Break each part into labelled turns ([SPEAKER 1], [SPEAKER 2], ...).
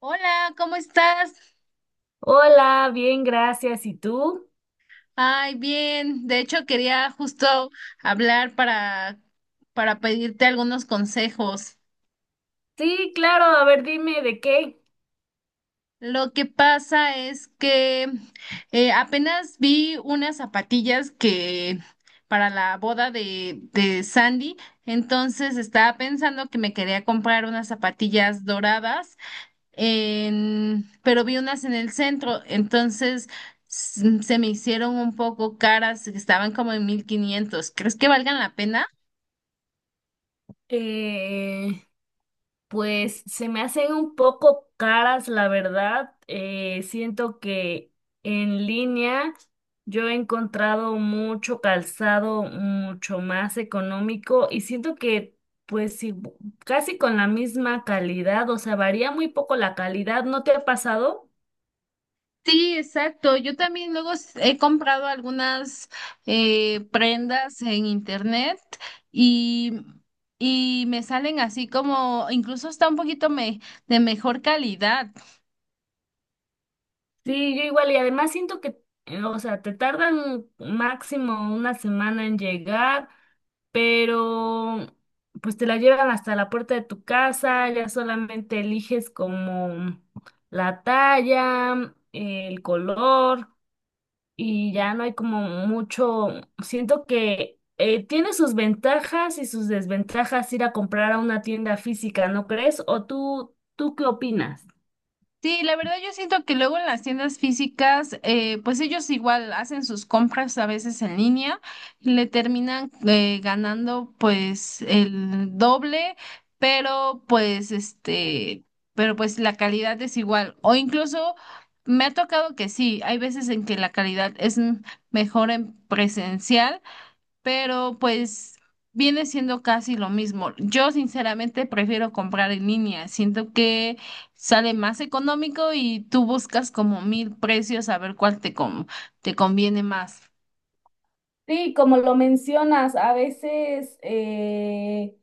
[SPEAKER 1] Hola, ¿cómo estás?
[SPEAKER 2] Hola, bien, gracias. ¿Y tú?
[SPEAKER 1] Ay, bien. De hecho, quería justo hablar para pedirte algunos consejos.
[SPEAKER 2] Sí, claro, a ver, dime de qué.
[SPEAKER 1] Lo que pasa es que apenas vi unas zapatillas que para la boda de Sandy, entonces estaba pensando que me quería comprar unas zapatillas doradas pero vi unas en el centro, entonces se me hicieron un poco caras, estaban como en 1,500. ¿Crees que valgan la pena?
[SPEAKER 2] Eh, pues se me hacen un poco caras, la verdad. Siento que en línea yo he encontrado mucho calzado mucho más económico y siento que pues sí, casi con la misma calidad, o sea, varía muy poco la calidad. ¿No te ha pasado?
[SPEAKER 1] Sí, exacto. Yo también luego he comprado algunas prendas en internet y, y me salen así como, incluso está un poquito de mejor calidad.
[SPEAKER 2] Sí, yo igual, y además siento que, o sea, te tardan máximo una semana en llegar, pero pues te la llevan hasta la puerta de tu casa, ya solamente eliges como la talla, el color, y ya no hay como mucho, siento que tiene sus ventajas y sus desventajas ir a comprar a una tienda física, ¿no crees? ¿O tú qué opinas?
[SPEAKER 1] Sí, la verdad yo siento que luego en las tiendas físicas, pues ellos igual hacen sus compras a veces en línea, le terminan ganando pues el doble, pero pues este, pero pues la calidad es igual. O incluso me ha tocado que sí, hay veces en que la calidad es mejor en presencial pero pues viene siendo casi lo mismo. Yo sinceramente prefiero comprar en línea, siento que sale más económico y tú buscas como mil precios a ver cuál te conviene más.
[SPEAKER 2] Sí, como lo mencionas, a veces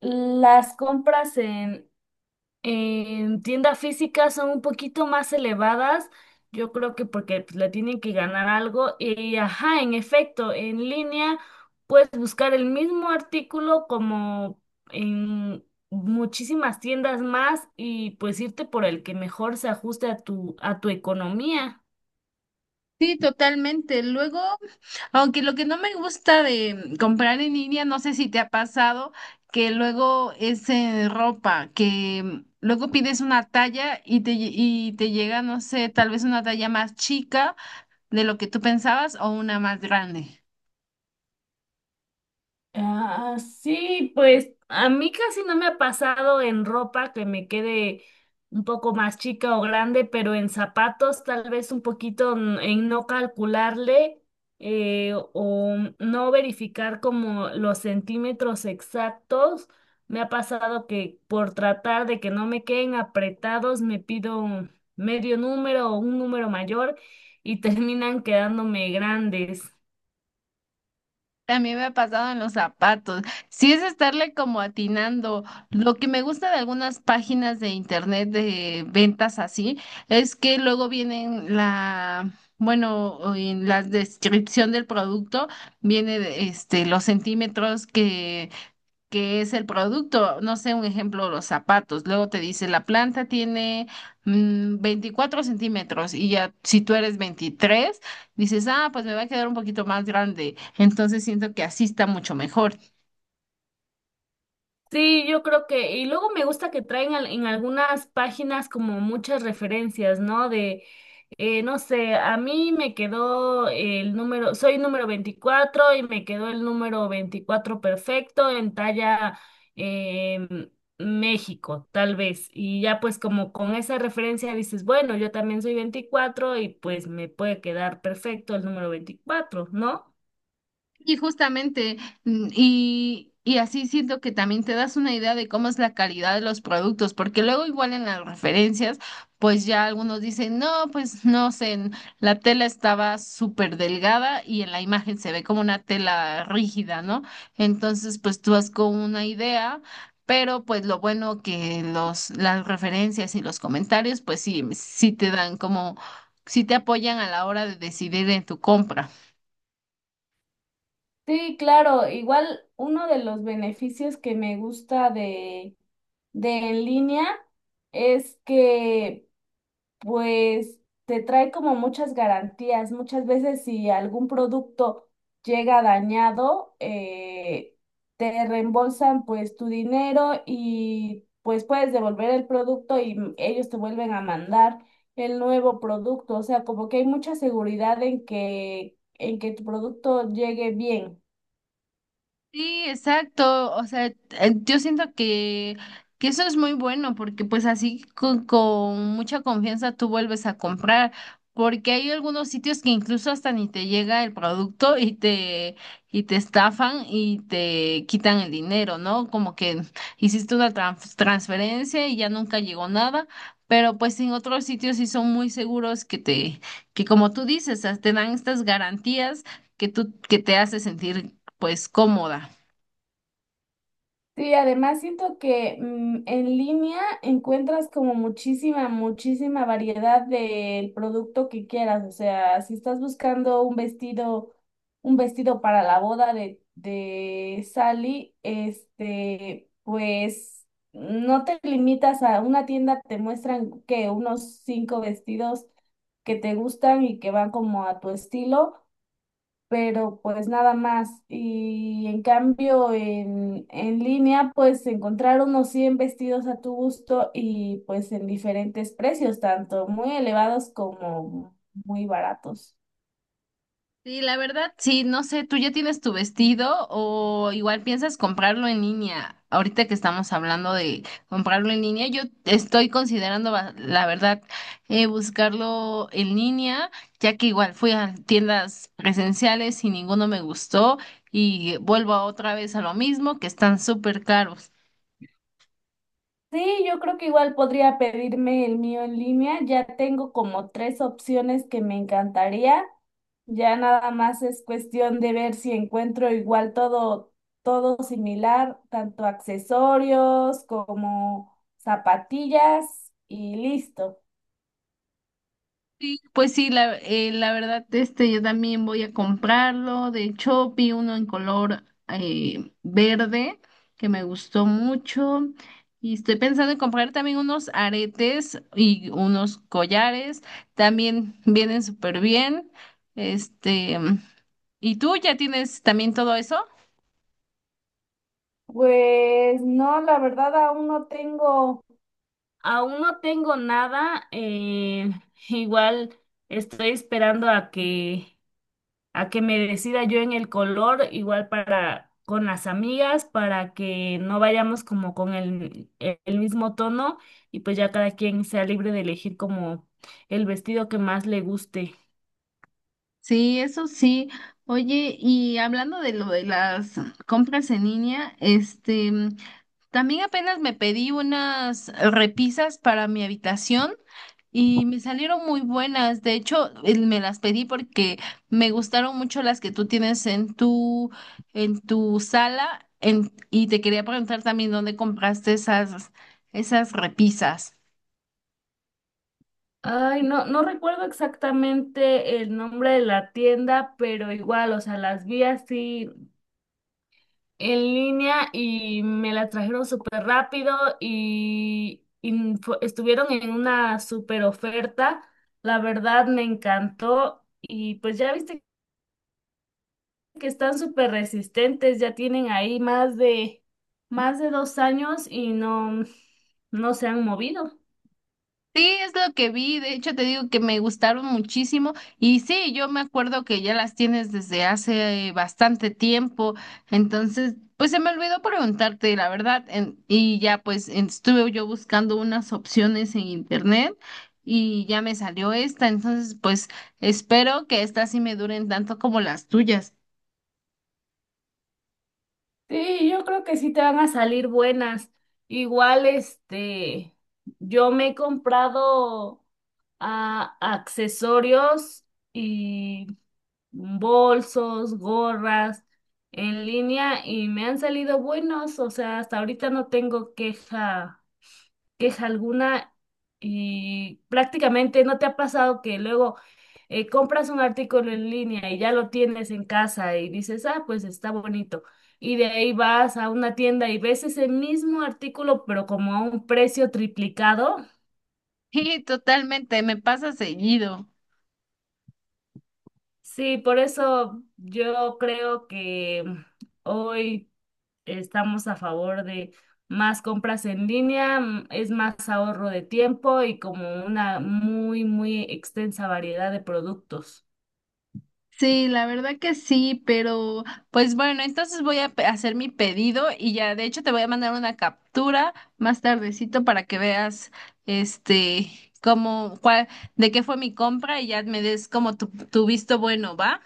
[SPEAKER 2] las compras en tienda física son un poquito más elevadas, yo creo que porque pues, le tienen que ganar algo y ajá, en efecto, en línea puedes buscar el mismo artículo como en muchísimas tiendas más y pues irte por el que mejor se ajuste a a tu economía.
[SPEAKER 1] Sí, totalmente. Luego, aunque lo que no me gusta de comprar en línea, no sé si te ha pasado, que luego es en ropa, que luego pides una talla y y te llega, no sé, tal vez una talla más chica de lo que tú pensabas o una más grande.
[SPEAKER 2] Ah, sí, pues a mí casi no me ha pasado en ropa que me quede un poco más chica o grande, pero en zapatos tal vez un poquito en no calcularle o no verificar como los centímetros exactos. Me ha pasado que por tratar de que no me queden apretados, me pido un medio número o un número mayor y terminan quedándome grandes.
[SPEAKER 1] También me ha pasado en los zapatos. Sí es estarle como atinando. Lo que me gusta de algunas páginas de internet de ventas así es que luego vienen bueno, o en la descripción del producto viene de, este los centímetros que es el producto, no sé, un ejemplo, los zapatos. Luego te dice, la planta tiene 24 centímetros y ya si tú eres 23 dices, ah, pues me va a quedar un poquito más grande. Entonces siento que así está mucho mejor.
[SPEAKER 2] Sí, yo creo que, y luego me gusta que traen en algunas páginas como muchas referencias, ¿no? No sé, a mí me quedó el número, soy número 24 y me quedó el número 24 perfecto en talla em, México, tal vez. Y ya pues como con esa referencia dices, bueno, yo también soy 24 y pues me puede quedar perfecto el número 24, ¿no?
[SPEAKER 1] Y justamente, y así siento que también te das una idea de cómo es la calidad de los productos, porque luego igual en las referencias, pues ya algunos dicen, no, pues no sé, la tela estaba súper delgada y en la imagen se ve como una tela rígida, ¿no? Entonces, pues tú vas con una idea. Pero pues lo bueno que las referencias y los comentarios, pues sí, sí te dan como, sí te apoyan a la hora de decidir en tu compra.
[SPEAKER 2] Sí, claro, igual uno de los beneficios que me gusta de en línea es que pues te trae como muchas garantías. Muchas veces si algún producto llega dañado, te reembolsan pues tu dinero y pues puedes devolver el producto y ellos te vuelven a mandar el nuevo producto. O sea, como que hay mucha seguridad en en que tu producto llegue bien.
[SPEAKER 1] Sí, exacto. O sea, yo siento que eso es muy bueno porque pues así con mucha confianza tú vuelves a comprar porque hay algunos sitios que incluso hasta ni te llega el producto y y te estafan y te quitan el dinero, ¿no? Como que hiciste una transferencia y ya nunca llegó nada, pero pues en otros sitios sí son muy seguros que que como tú dices, te dan estas garantías que que te hace sentir pues cómoda.
[SPEAKER 2] Sí, además siento que en línea encuentras como muchísima variedad del producto que quieras. O sea, si estás buscando un vestido para la boda de Sally, este, pues no te limitas a una tienda, te muestran que unos cinco vestidos que te gustan y que van como a tu estilo pero pues nada más. Y en cambio, en línea, pues encontrar unos 100 vestidos a tu gusto y pues en diferentes precios, tanto muy elevados como muy baratos.
[SPEAKER 1] Sí, la verdad, sí, no sé, ¿tú ya tienes tu vestido o igual piensas comprarlo en línea? Ahorita que estamos hablando de comprarlo en línea, yo estoy considerando, la verdad, buscarlo en línea, ya que igual fui a tiendas presenciales y ninguno me gustó y vuelvo otra vez a lo mismo, que están súper caros.
[SPEAKER 2] Sí, yo creo que igual podría pedirme el mío en línea. Ya tengo como tres opciones que me encantaría. Ya nada más es cuestión de ver si encuentro igual todo similar, tanto accesorios como zapatillas y listo.
[SPEAKER 1] Sí, pues sí, la verdad, este, yo también voy a comprarlo. De hecho, vi uno en color verde que me gustó mucho. Y estoy pensando en comprar también unos aretes y unos collares. También vienen súper bien. Este, ¿y tú ya tienes también todo eso?
[SPEAKER 2] Pues no, la verdad aún no tengo nada. Igual estoy esperando a que me decida yo en el color, igual para con las amigas, para que no vayamos como con el mismo tono y pues ya cada quien sea libre de elegir como el vestido que más le guste.
[SPEAKER 1] Sí, eso sí. Oye, y hablando de lo de las compras en línea, este. También apenas me pedí unas repisas para mi habitación y me salieron muy buenas. De hecho, me las pedí porque me gustaron mucho las que tú tienes en en tu sala y te quería preguntar también dónde compraste esas repisas.
[SPEAKER 2] Ay, no, no recuerdo exactamente el nombre de la tienda, pero igual, o sea, las vi así en línea y me la trajeron súper rápido y estuvieron en una súper oferta. La verdad me encantó y pues ya viste que están súper resistentes, ya tienen ahí más más de 2 años no se han movido.
[SPEAKER 1] Sí, es lo que vi, de hecho te digo que me gustaron muchísimo y sí, yo me acuerdo que ya las tienes desde hace bastante tiempo, entonces pues se me olvidó preguntarte la verdad y ya pues estuve yo buscando unas opciones en internet y ya me salió esta, entonces pues espero que estas sí me duren tanto como las tuyas.
[SPEAKER 2] Sí, yo creo que sí te van a salir buenas. Igual, este, yo me he comprado accesorios y bolsos, gorras en línea y me han salido buenos. O sea, hasta ahorita no tengo queja alguna y prácticamente no te ha pasado que luego compras un artículo en línea y ya lo tienes en casa y dices, ah, pues está bonito. Y de ahí vas a una tienda y ves ese mismo artículo, pero como a un precio triplicado.
[SPEAKER 1] Sí, totalmente, me pasa seguido.
[SPEAKER 2] Sí, por eso yo creo que hoy estamos a favor de más compras en línea, es más ahorro de tiempo y como una muy extensa variedad de productos.
[SPEAKER 1] Sí, la verdad que sí, pero pues bueno, entonces voy a hacer mi pedido y ya, de hecho te voy a mandar una captura más tardecito para que veas este cómo cuál de qué fue mi compra y ya me des como tu visto bueno, ¿va?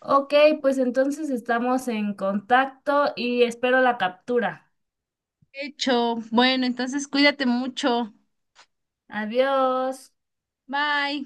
[SPEAKER 2] Ok, pues entonces estamos en contacto y espero la captura.
[SPEAKER 1] Hecho. Bueno, entonces cuídate mucho.
[SPEAKER 2] Adiós.
[SPEAKER 1] Bye.